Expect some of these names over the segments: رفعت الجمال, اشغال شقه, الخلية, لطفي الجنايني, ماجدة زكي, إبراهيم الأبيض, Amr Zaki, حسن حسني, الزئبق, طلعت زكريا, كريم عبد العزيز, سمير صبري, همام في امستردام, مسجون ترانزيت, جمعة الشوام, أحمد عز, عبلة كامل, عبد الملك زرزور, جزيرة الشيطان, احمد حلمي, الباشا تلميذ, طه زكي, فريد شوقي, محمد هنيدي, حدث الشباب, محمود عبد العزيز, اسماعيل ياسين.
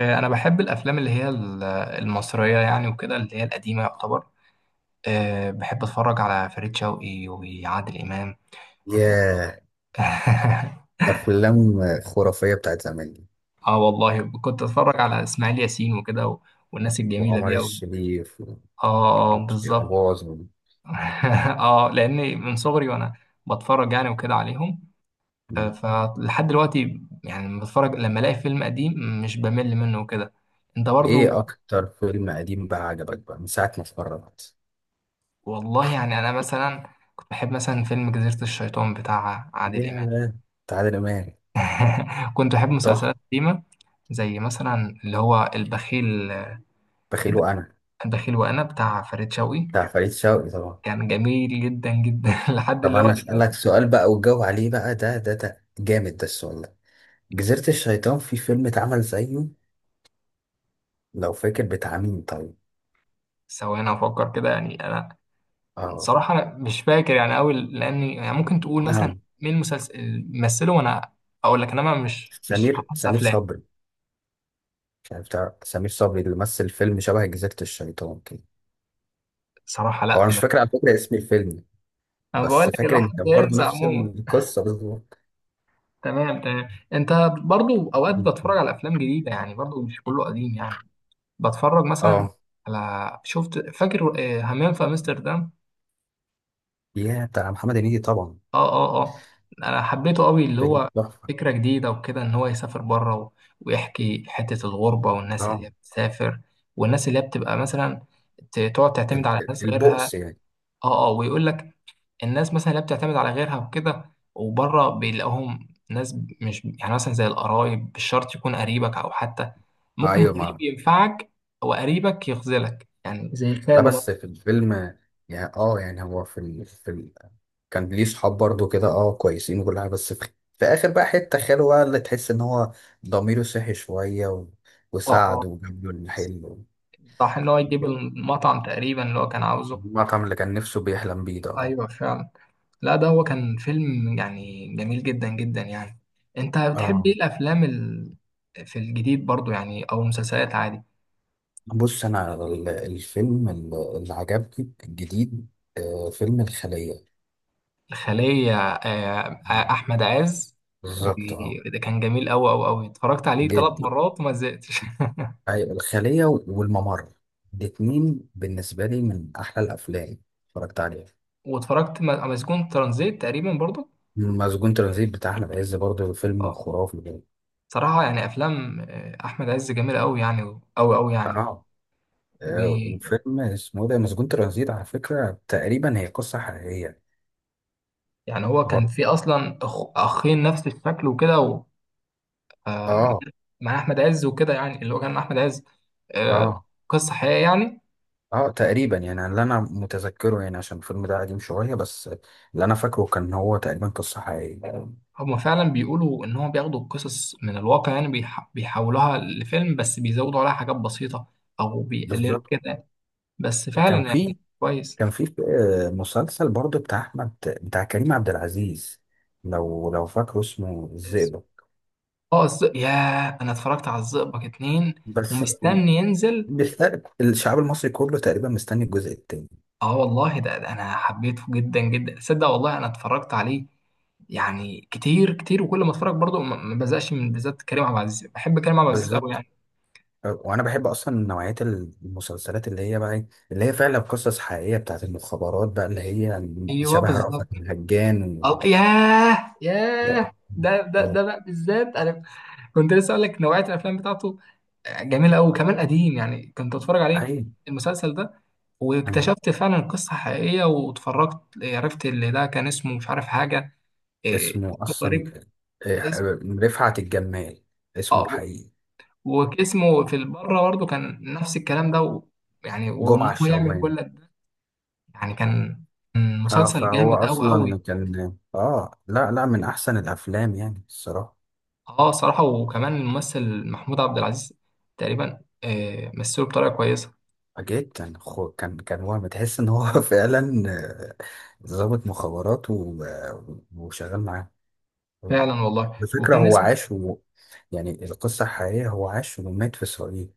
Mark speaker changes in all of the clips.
Speaker 1: انا بحب الافلام اللي هي المصريه يعني وكده اللي هي القديمه يعتبر. بحب اتفرج على فريد شوقي وعادل امام و...
Speaker 2: يا، أفلام خرافية بتاعت زمان دي.
Speaker 1: اه والله كنت اتفرج على اسماعيل ياسين وكده والناس الجميله
Speaker 2: وعمر
Speaker 1: دي قوي.
Speaker 2: الشريف.
Speaker 1: اه،
Speaker 2: وبوشتي
Speaker 1: بالظبط.
Speaker 2: أباظ و-
Speaker 1: اه، لاني من صغري وانا بتفرج يعني وكده عليهم.
Speaker 2: م.
Speaker 1: فلحد دلوقتي يعني لما بتفرج لما الاقي فيلم قديم مش بمل منه وكده. انت
Speaker 2: إيه
Speaker 1: برضو؟
Speaker 2: أكتر فيلم قديم بقى عجبك بقى من ساعة ما اتفرجت؟
Speaker 1: والله يعني انا مثلا كنت بحب مثلا فيلم جزيرة الشيطان بتاع عادل امام.
Speaker 2: يا تعالى إمام،
Speaker 1: كنت بحب مسلسلات
Speaker 2: تحفة.
Speaker 1: قديمة زي مثلا اللي هو
Speaker 2: بخيله أنا.
Speaker 1: البخيل وانا بتاع فريد شوقي
Speaker 2: بتاع فريد شوقي طبعا.
Speaker 1: كان جميل جدا جدا لحد
Speaker 2: طب
Speaker 1: اللي هو
Speaker 2: أنا أسألك
Speaker 1: دلوقتي.
Speaker 2: سؤال بقى وتجاوب عليه بقى، ده جامد ده السؤال ده. جزيرة الشيطان، في فيلم اتعمل زيه لو فاكر بتاع مين طيب؟
Speaker 1: ثواني افكر كده يعني انا.
Speaker 2: آه.
Speaker 1: صراحة أنا مش فاكر يعني قوي لاني يعني ممكن تقول
Speaker 2: آه.
Speaker 1: مثلا مين المسلسل مثله، وانا اقول لك انما مش
Speaker 2: سمير
Speaker 1: احفظ
Speaker 2: سمير
Speaker 1: افلام.
Speaker 2: صبري. يعني بتاع سمير صبري اللي مثل فيلم شبه جزيرة الشيطان كده.
Speaker 1: صراحة
Speaker 2: هو
Speaker 1: لا
Speaker 2: أنا مش
Speaker 1: ما.
Speaker 2: فاكر على فكرة اسم الفيلم،
Speaker 1: انا بقول
Speaker 2: بس
Speaker 1: لك
Speaker 2: فاكر إن
Speaker 1: الواحد
Speaker 2: كان برضه
Speaker 1: بينسى
Speaker 2: نفس
Speaker 1: عموما.
Speaker 2: القصة بالظبط.
Speaker 1: تمام تمام. انت برضو اوقات بتفرج على افلام جديده يعني، برضو مش كله قديم يعني. بتفرج مثلا
Speaker 2: اه.
Speaker 1: على. شفت فاكر همام في امستردام؟
Speaker 2: يا بتاع محمد هنيدي طبعا.
Speaker 1: اه اه اه، انا حبيته قوي اللي
Speaker 2: فيلم
Speaker 1: هو
Speaker 2: تحفة.
Speaker 1: فكره جديده وكده ان هو يسافر بره ويحكي حته الغربه والناس اللي
Speaker 2: اه،
Speaker 1: هي بتسافر، والناس اللي هي بتبقى مثلا تقعد تعتمد على ناس غيرها.
Speaker 2: البؤس يعني.
Speaker 1: اه اه، ويقول لك الناس مثلا اللي بتعتمد على غيرها وكده، وبره بيلاقوهم ناس مش يعني مثلا زي القرايب، مش شرط يكون قريبك او حتى ممكن
Speaker 2: ايوه ما.
Speaker 1: غريب ينفعك، وقريبك يخذلك يعني زي
Speaker 2: لا،
Speaker 1: خاله مثلا.
Speaker 2: بس في الفيلم يعني اه يعني هو كان ليه صحاب برضه كده اه كويسين وكل حاجة، في آخر بقى حتة خاله بقى اللي تحس إن هو ضميره صحي شوية
Speaker 1: اه اه،
Speaker 2: وساعده وجاب له الحلو.
Speaker 1: صح ان هو يجيب المطعم تقريبا اللي هو كان عاوزه.
Speaker 2: المطعم اللي كان نفسه بيحلم بيه ده اه.
Speaker 1: ايوه فعلا. لا، ده هو كان فيلم يعني جميل جدا جدا يعني. انت بتحب
Speaker 2: آه.
Speaker 1: ايه الافلام في الجديد برضو يعني، او المسلسلات عادي؟
Speaker 2: بص انا الفيلم اللي عجبني الجديد، فيلم الخلية.
Speaker 1: الخلية
Speaker 2: آه.
Speaker 1: أحمد عز.
Speaker 2: بالظبط اه.
Speaker 1: وده كان جميل أوي أوي أوي، اتفرجت عليه ثلاث
Speaker 2: جد؟
Speaker 1: مرات وما زهقتش.
Speaker 2: أيوة، الخلية والممر، الاتنين بالنسبة لي من أحلى الأفلام اتفرجت عليها.
Speaker 1: واتفرجت مسجون ترانزيت تقريبا برضو.
Speaker 2: مسجون ترانزيت بتاع أحمد عز برضه فيلم
Speaker 1: اه،
Speaker 2: خرافي ده.
Speaker 1: صراحة يعني أفلام أحمد عز جميلة أوي يعني، أوي أوي يعني.
Speaker 2: اه.
Speaker 1: ويعني
Speaker 2: وفيلم اسمه ده مسجون ترانزيت على فكرة تقريبا هي قصة حقيقية.
Speaker 1: هو كان
Speaker 2: برضه.
Speaker 1: في أصلا أخين نفس الشكل وكده آه،
Speaker 2: اه.
Speaker 1: مع أحمد عز وكده يعني، اللي هو كان أحمد عز. آه،
Speaker 2: اه.
Speaker 1: قصة حقيقية يعني.
Speaker 2: اه تقريبا، يعني اللي انا متذكره يعني عشان الفيلم ده قديم شويه، بس اللي انا فاكره كان هو تقريبا قصه حقيقيه.
Speaker 1: هما فعلا بيقولوا ان هو بياخدوا القصص من الواقع يعني، بيحولوها لفيلم بس بيزودوا عليها حاجات بسيطة او بيقللوا
Speaker 2: بالظبط.
Speaker 1: كده. بس فعلا
Speaker 2: كان
Speaker 1: يعني
Speaker 2: في
Speaker 1: كويس.
Speaker 2: كان في آه، مسلسل برضه بتاع احمد، بتاع كريم عبد العزيز، لو فاكره اسمه الزئبق.
Speaker 1: اه ياه، انا اتفرجت على الزئبق اتنين
Speaker 2: بس
Speaker 1: ومستني ينزل.
Speaker 2: بيستقبل الشعب المصري كله تقريبا مستني الجزء التاني.
Speaker 1: اه والله ده انا حبيته جدا جدا. تصدق والله انا اتفرجت عليه يعني كتير كتير، وكل ما اتفرج برضه ما بزقش من، بالذات كريم عبد العزيز. بحب كريم عبد العزيز قوي
Speaker 2: بالظبط.
Speaker 1: يعني.
Speaker 2: وانا بحب اصلا نوعيه المسلسلات اللي هي بقى إيه، اللي هي فعلا قصص حقيقيه بتاعت المخابرات بقى اللي هي
Speaker 1: ايوه
Speaker 2: شبه
Speaker 1: بالظبط.
Speaker 2: رأفت الهجان.
Speaker 1: اه ياه
Speaker 2: لا.
Speaker 1: ياه، ده بقى بالذات انا كنت لسه اقول لك نوعيه الافلام بتاعته جميله قوي، وكمان قديم يعني كنت اتفرج عليه،
Speaker 2: أي.
Speaker 1: المسلسل ده. واكتشفت فعلا قصه حقيقيه، واتفرجت عرفت اللي ده كان اسمه مش عارف حاجه، إيه،
Speaker 2: اسمه
Speaker 1: اسمه
Speaker 2: أصلا
Speaker 1: غريب.
Speaker 2: آه،
Speaker 1: اسمه
Speaker 2: رفعت الجمال، اسمه
Speaker 1: اه،
Speaker 2: الحقيقي.
Speaker 1: واسمه في بره برضه كان نفس الكلام ده يعني وان
Speaker 2: جمعة
Speaker 1: هو يعمل
Speaker 2: الشوام.
Speaker 1: كل ده. يعني كان كان
Speaker 2: اه
Speaker 1: مسلسل
Speaker 2: فهو
Speaker 1: جامد قوي قوي.
Speaker 2: أصلا كان اه، لا، من أحسن الأفلام يعني الصراحة.
Speaker 1: اه صراحه، وكمان الممثل محمود عبد العزيز تقريبا مثله بطريقه كويسه.
Speaker 2: جدا. كان هو بتحس إن هو فعلا ضابط مخابرات و... وشغال معاه.
Speaker 1: فعلا والله.
Speaker 2: الفكرة
Speaker 1: وكان
Speaker 2: هو
Speaker 1: اسمه
Speaker 2: عاش و... يعني القصة الحقيقية هو عاش ومات في إسرائيل.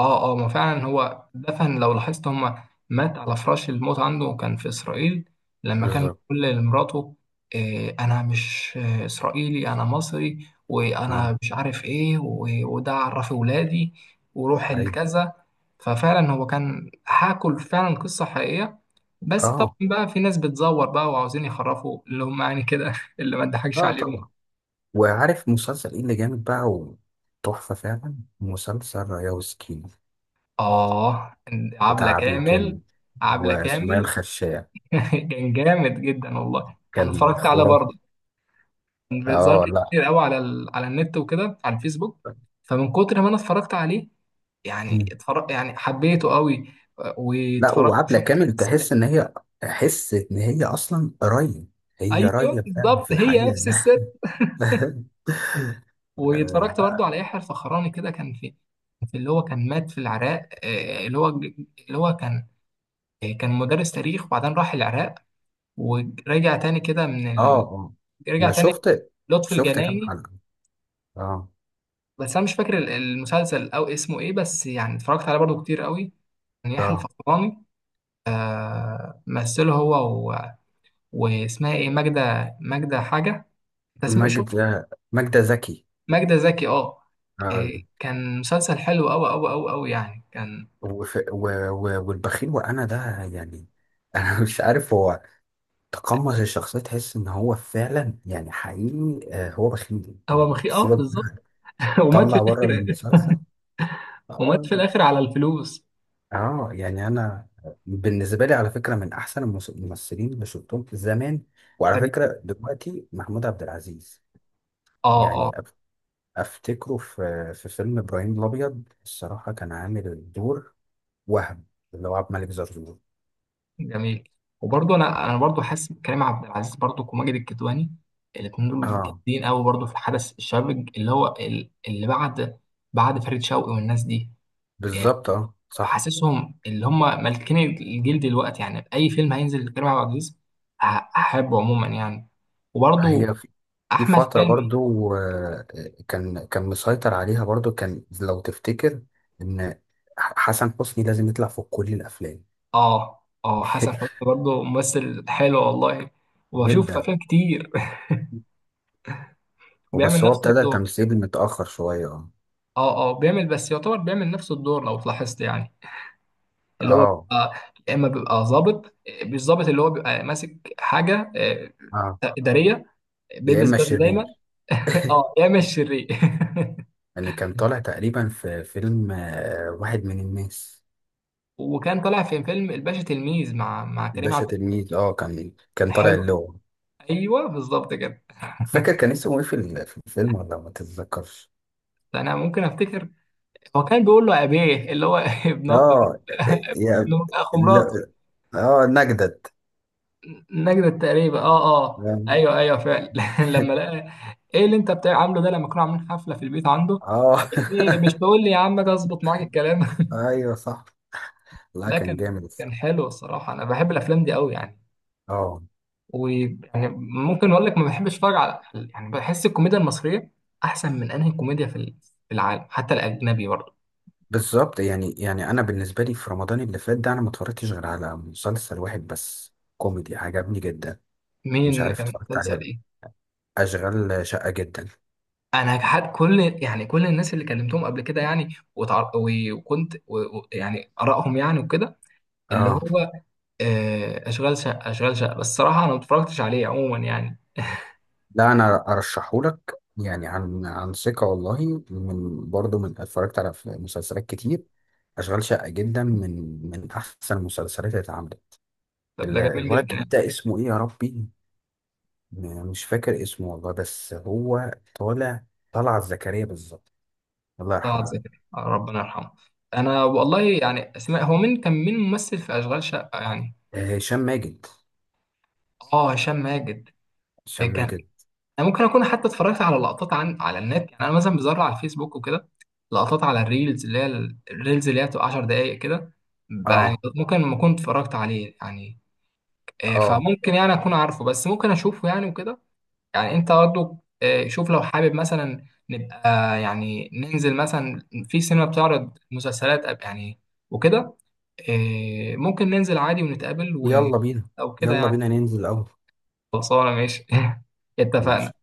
Speaker 1: اه اه، ما فعلا هو دفن لو لاحظت، هما مات على فراش الموت عنده كان في إسرائيل. لما كان
Speaker 2: بالظبط.
Speaker 1: بيقول لمراته إيه، أنا مش إسرائيلي، أنا مصري
Speaker 2: اه.
Speaker 1: وأنا مش عارف إيه وده عرفي ولادي وروح
Speaker 2: أي.
Speaker 1: الكذا. ففعلا هو كان، حاكوا فعلا قصة حقيقية. بس طبعا
Speaker 2: اه
Speaker 1: بقى في ناس بتزور بقى وعاوزين يخرفوا اللي هم يعني كده، اللي ما تضحكش
Speaker 2: لا
Speaker 1: عليهم.
Speaker 2: طبعا. وعارف مسلسل ايه اللي جامد بقى وتحفة فعلا؟ مسلسل رياوسكي
Speaker 1: اه،
Speaker 2: بتاع
Speaker 1: عبلة
Speaker 2: عبد
Speaker 1: كامل.
Speaker 2: الكامل
Speaker 1: عبلة
Speaker 2: وسمية
Speaker 1: كامل.
Speaker 2: الخشاب.
Speaker 1: كان جامد جدا والله، انا
Speaker 2: كان
Speaker 1: اتفرجت عليه
Speaker 2: خرافي.
Speaker 1: برضه. كان بيظهر
Speaker 2: اه.
Speaker 1: لي
Speaker 2: لا.
Speaker 1: كتير قوي على على النت وكده، على الفيسبوك. فمن كتر ما انا اتفرجت عليه يعني،
Speaker 2: مم.
Speaker 1: اتفرج يعني، حبيته قوي.
Speaker 2: لا،
Speaker 1: واتفرجت
Speaker 2: وعبلة
Speaker 1: شفت
Speaker 2: كامل
Speaker 1: بس.
Speaker 2: تحس ان هي تحس ان هي اصلا راية، هي
Speaker 1: ايوه
Speaker 2: راية فعلا
Speaker 1: بالظبط،
Speaker 2: في
Speaker 1: هي
Speaker 2: الحقيقة
Speaker 1: نفس الست.
Speaker 2: اه.
Speaker 1: واتفرجت برضه على يحيى الفخراني كده، كان في، في اللي هو كان مات في العراق اللي هو اللي هو كان كان مدرس تاريخ، وبعدين راح العراق ورجع تاني كده من
Speaker 2: اه.
Speaker 1: رجع
Speaker 2: انا
Speaker 1: تاني.
Speaker 2: شفت
Speaker 1: لطفي
Speaker 2: شفت كام
Speaker 1: الجنايني؟
Speaker 2: حلقة. اه.
Speaker 1: بس انا مش فاكر المسلسل او اسمه ايه، بس يعني اتفرجت عليه برضو كتير قوي. كان يحيى
Speaker 2: اه.
Speaker 1: الفخراني مثله هو و، واسمها ايه، ماجدة، ماجدة حاجة. انت شفت؟
Speaker 2: ماجدة زكي.
Speaker 1: ماجدة زكي، اه.
Speaker 2: آه.
Speaker 1: إيه، كان مسلسل حلو قوي قوي قوي قوي يعني كان.
Speaker 2: والبخيل وانا ده يعني انا مش عارف هو تقمص الشخصيه، تحس ان هو فعلا يعني حقيقي آه، هو بخيل
Speaker 1: هو
Speaker 2: يعني
Speaker 1: مخي اه
Speaker 2: سيبك.
Speaker 1: بالظبط. ومات في
Speaker 2: طلع بره
Speaker 1: الاخر.
Speaker 2: المسلسل.
Speaker 1: ومات
Speaker 2: اه.
Speaker 1: في الاخر على الفلوس.
Speaker 2: آه، يعني انا بالنسبه لي على فكره من احسن الممثلين اللي شفتهم في زمان. وعلى فكره دلوقتي محمود عبد العزيز.
Speaker 1: اه. آه.
Speaker 2: يعني افتكره في فيلم ابراهيم الابيض الصراحه كان عامل الدور. وهم. اللي هو عبد الملك زرزور.
Speaker 1: جميل. وبرضه انا برضه حاسس بكريم عبد العزيز برضه، وماجد الكدواني، الاثنين دول
Speaker 2: اه.
Speaker 1: جامدين قوي برضه في حدث الشباب اللي هو اللي بعد بعد فريد شوقي والناس دي.
Speaker 2: بالظبط اه صح.
Speaker 1: فحاسسهم اللي هم مالكين الجيل دلوقتي يعني، اي فيلم هينزل لكريم عبد العزيز ه- هحبه عموما يعني. وبرضه
Speaker 2: هي في
Speaker 1: احمد
Speaker 2: فترة
Speaker 1: حلمي.
Speaker 2: برضو آه، كان مسيطر عليها برضو كان لو تفتكر ان حسن حسني لازم يطلع في كل الافلام
Speaker 1: اه اه، حسن حسني برضه ممثل حلو والله. وبشوف
Speaker 2: جدا.
Speaker 1: افلام كتير بيعمل
Speaker 2: وبس هو
Speaker 1: نفس
Speaker 2: ابتدى
Speaker 1: الدور.
Speaker 2: تمثيل متأخر شوية اه.
Speaker 1: اه اه، بيعمل بس، يعتبر بيعمل نفس الدور لو تلاحظت يعني. اللي هو
Speaker 2: اه
Speaker 1: بيبقى، يا اما بيبقى ظابط، مش ظابط، اللي هو بيبقى ماسك حاجه
Speaker 2: اه.
Speaker 1: اداريه،
Speaker 2: يا
Speaker 1: بيلبس
Speaker 2: اما
Speaker 1: بدله دايما.
Speaker 2: شرير
Speaker 1: اه يا اما الشرير.
Speaker 2: يعني كان طالع تقريبا في فيلم واحد من الناس.
Speaker 1: وكان طالع في فيلم الباشا تلميذ مع كريم
Speaker 2: باشا
Speaker 1: عبد العزيز.
Speaker 2: تلميذ اه، كان طالع
Speaker 1: حلو.
Speaker 2: اللغة.
Speaker 1: ايوه بالظبط كده.
Speaker 2: فاكر كان اسمه ايه في في الفيلم ولا ما تتذكرش؟
Speaker 1: انا ممكن افتكر. هو كان بيقول له ابيه اللي هو ابن ابن
Speaker 2: اه يعني.
Speaker 1: ابن اخو مراته.
Speaker 2: ل- اه نجدد.
Speaker 1: نجدة تقريبا، اه اه
Speaker 2: فاهم؟
Speaker 1: ايوه ايوه فعلا. لما لقى ايه اللي انت بتاع عامله ده، لما كانوا عاملين حفله في البيت عنده.
Speaker 2: اه
Speaker 1: ايه، مش تقول لي يا عم، ده اظبط معاك الكلام.
Speaker 2: ايوه صح. لا
Speaker 1: لا
Speaker 2: كان
Speaker 1: كان
Speaker 2: جامد
Speaker 1: كان
Speaker 2: الصراحه.
Speaker 1: حلو الصراحه. انا بحب الافلام دي قوي يعني.
Speaker 2: اه
Speaker 1: ويعني ممكن اقول لك ما بحبش اتفرج على، يعني بحس الكوميديا المصريه احسن من انهي كوميديا في في العالم، حتى الاجنبي برضه.
Speaker 2: بالظبط. يعني انا بالنسبه لي في رمضان اللي فات ده انا ما اتفرجتش غير على مسلسل واحد بس كوميدي عجبني جدا. مش
Speaker 1: مين؟
Speaker 2: عارف
Speaker 1: كان
Speaker 2: اتفرجت عليه
Speaker 1: مسلسل
Speaker 2: ولا. لأ.
Speaker 1: ايه؟
Speaker 2: اشغال شقه جدا.
Speaker 1: انا حد، كل يعني كل الناس اللي كلمتهم قبل كده يعني، وكنت يعني ارائهم يعني وكده، اللي
Speaker 2: اه.
Speaker 1: هو اشغال شقه بس الصراحه انا ما اتفرجتش عليه عموما يعني.
Speaker 2: لا انا ارشحهولك يعني، عن ثقه والله، من برضه من اتفرجت على مسلسلات كتير، اشغال شقه جدا من احسن المسلسلات اللي اتعملت.
Speaker 1: طب ده جميل
Speaker 2: الولد
Speaker 1: جدا
Speaker 2: الجديد
Speaker 1: يعني.
Speaker 2: ده اسمه ايه يا ربي؟ مش فاكر اسمه والله، بس هو طالع. طلعت زكريا بالظبط. الله
Speaker 1: طه
Speaker 2: يرحمه.
Speaker 1: زكي، آه، ربنا يرحمه. انا والله يعني اسماء، هو مين كان، مين ممثل في اشغال شقه يعني؟
Speaker 2: آه، هشام ماجد.
Speaker 1: اه هشام ماجد.
Speaker 2: هشام
Speaker 1: كان،
Speaker 2: ماجد.
Speaker 1: انا ممكن اكون حتى اتفرجت على لقطات عن على النت يعني. انا مثلا بزرع على الفيسبوك وكده لقطات على الريلز اللي هي الريلز اللي هي بتبقى 10 دقائق كده. يعني
Speaker 2: اه
Speaker 1: ممكن ما كنت اتفرجت عليه يعني.
Speaker 2: اه.
Speaker 1: فممكن يعني اكون عارفه، بس ممكن اشوفه يعني وكده. يعني انت برضه شوف، لو حابب مثلا نبقى، يعني ننزل مثلا في سينما بتعرض مسلسلات يعني وكده، ممكن ننزل عادي ونتقابل
Speaker 2: يلا بينا.
Speaker 1: او كده
Speaker 2: يلا
Speaker 1: يعني.
Speaker 2: بينا ننزل الاول.
Speaker 1: خلصانه ماشي.
Speaker 2: ماشي.
Speaker 1: اتفقنا.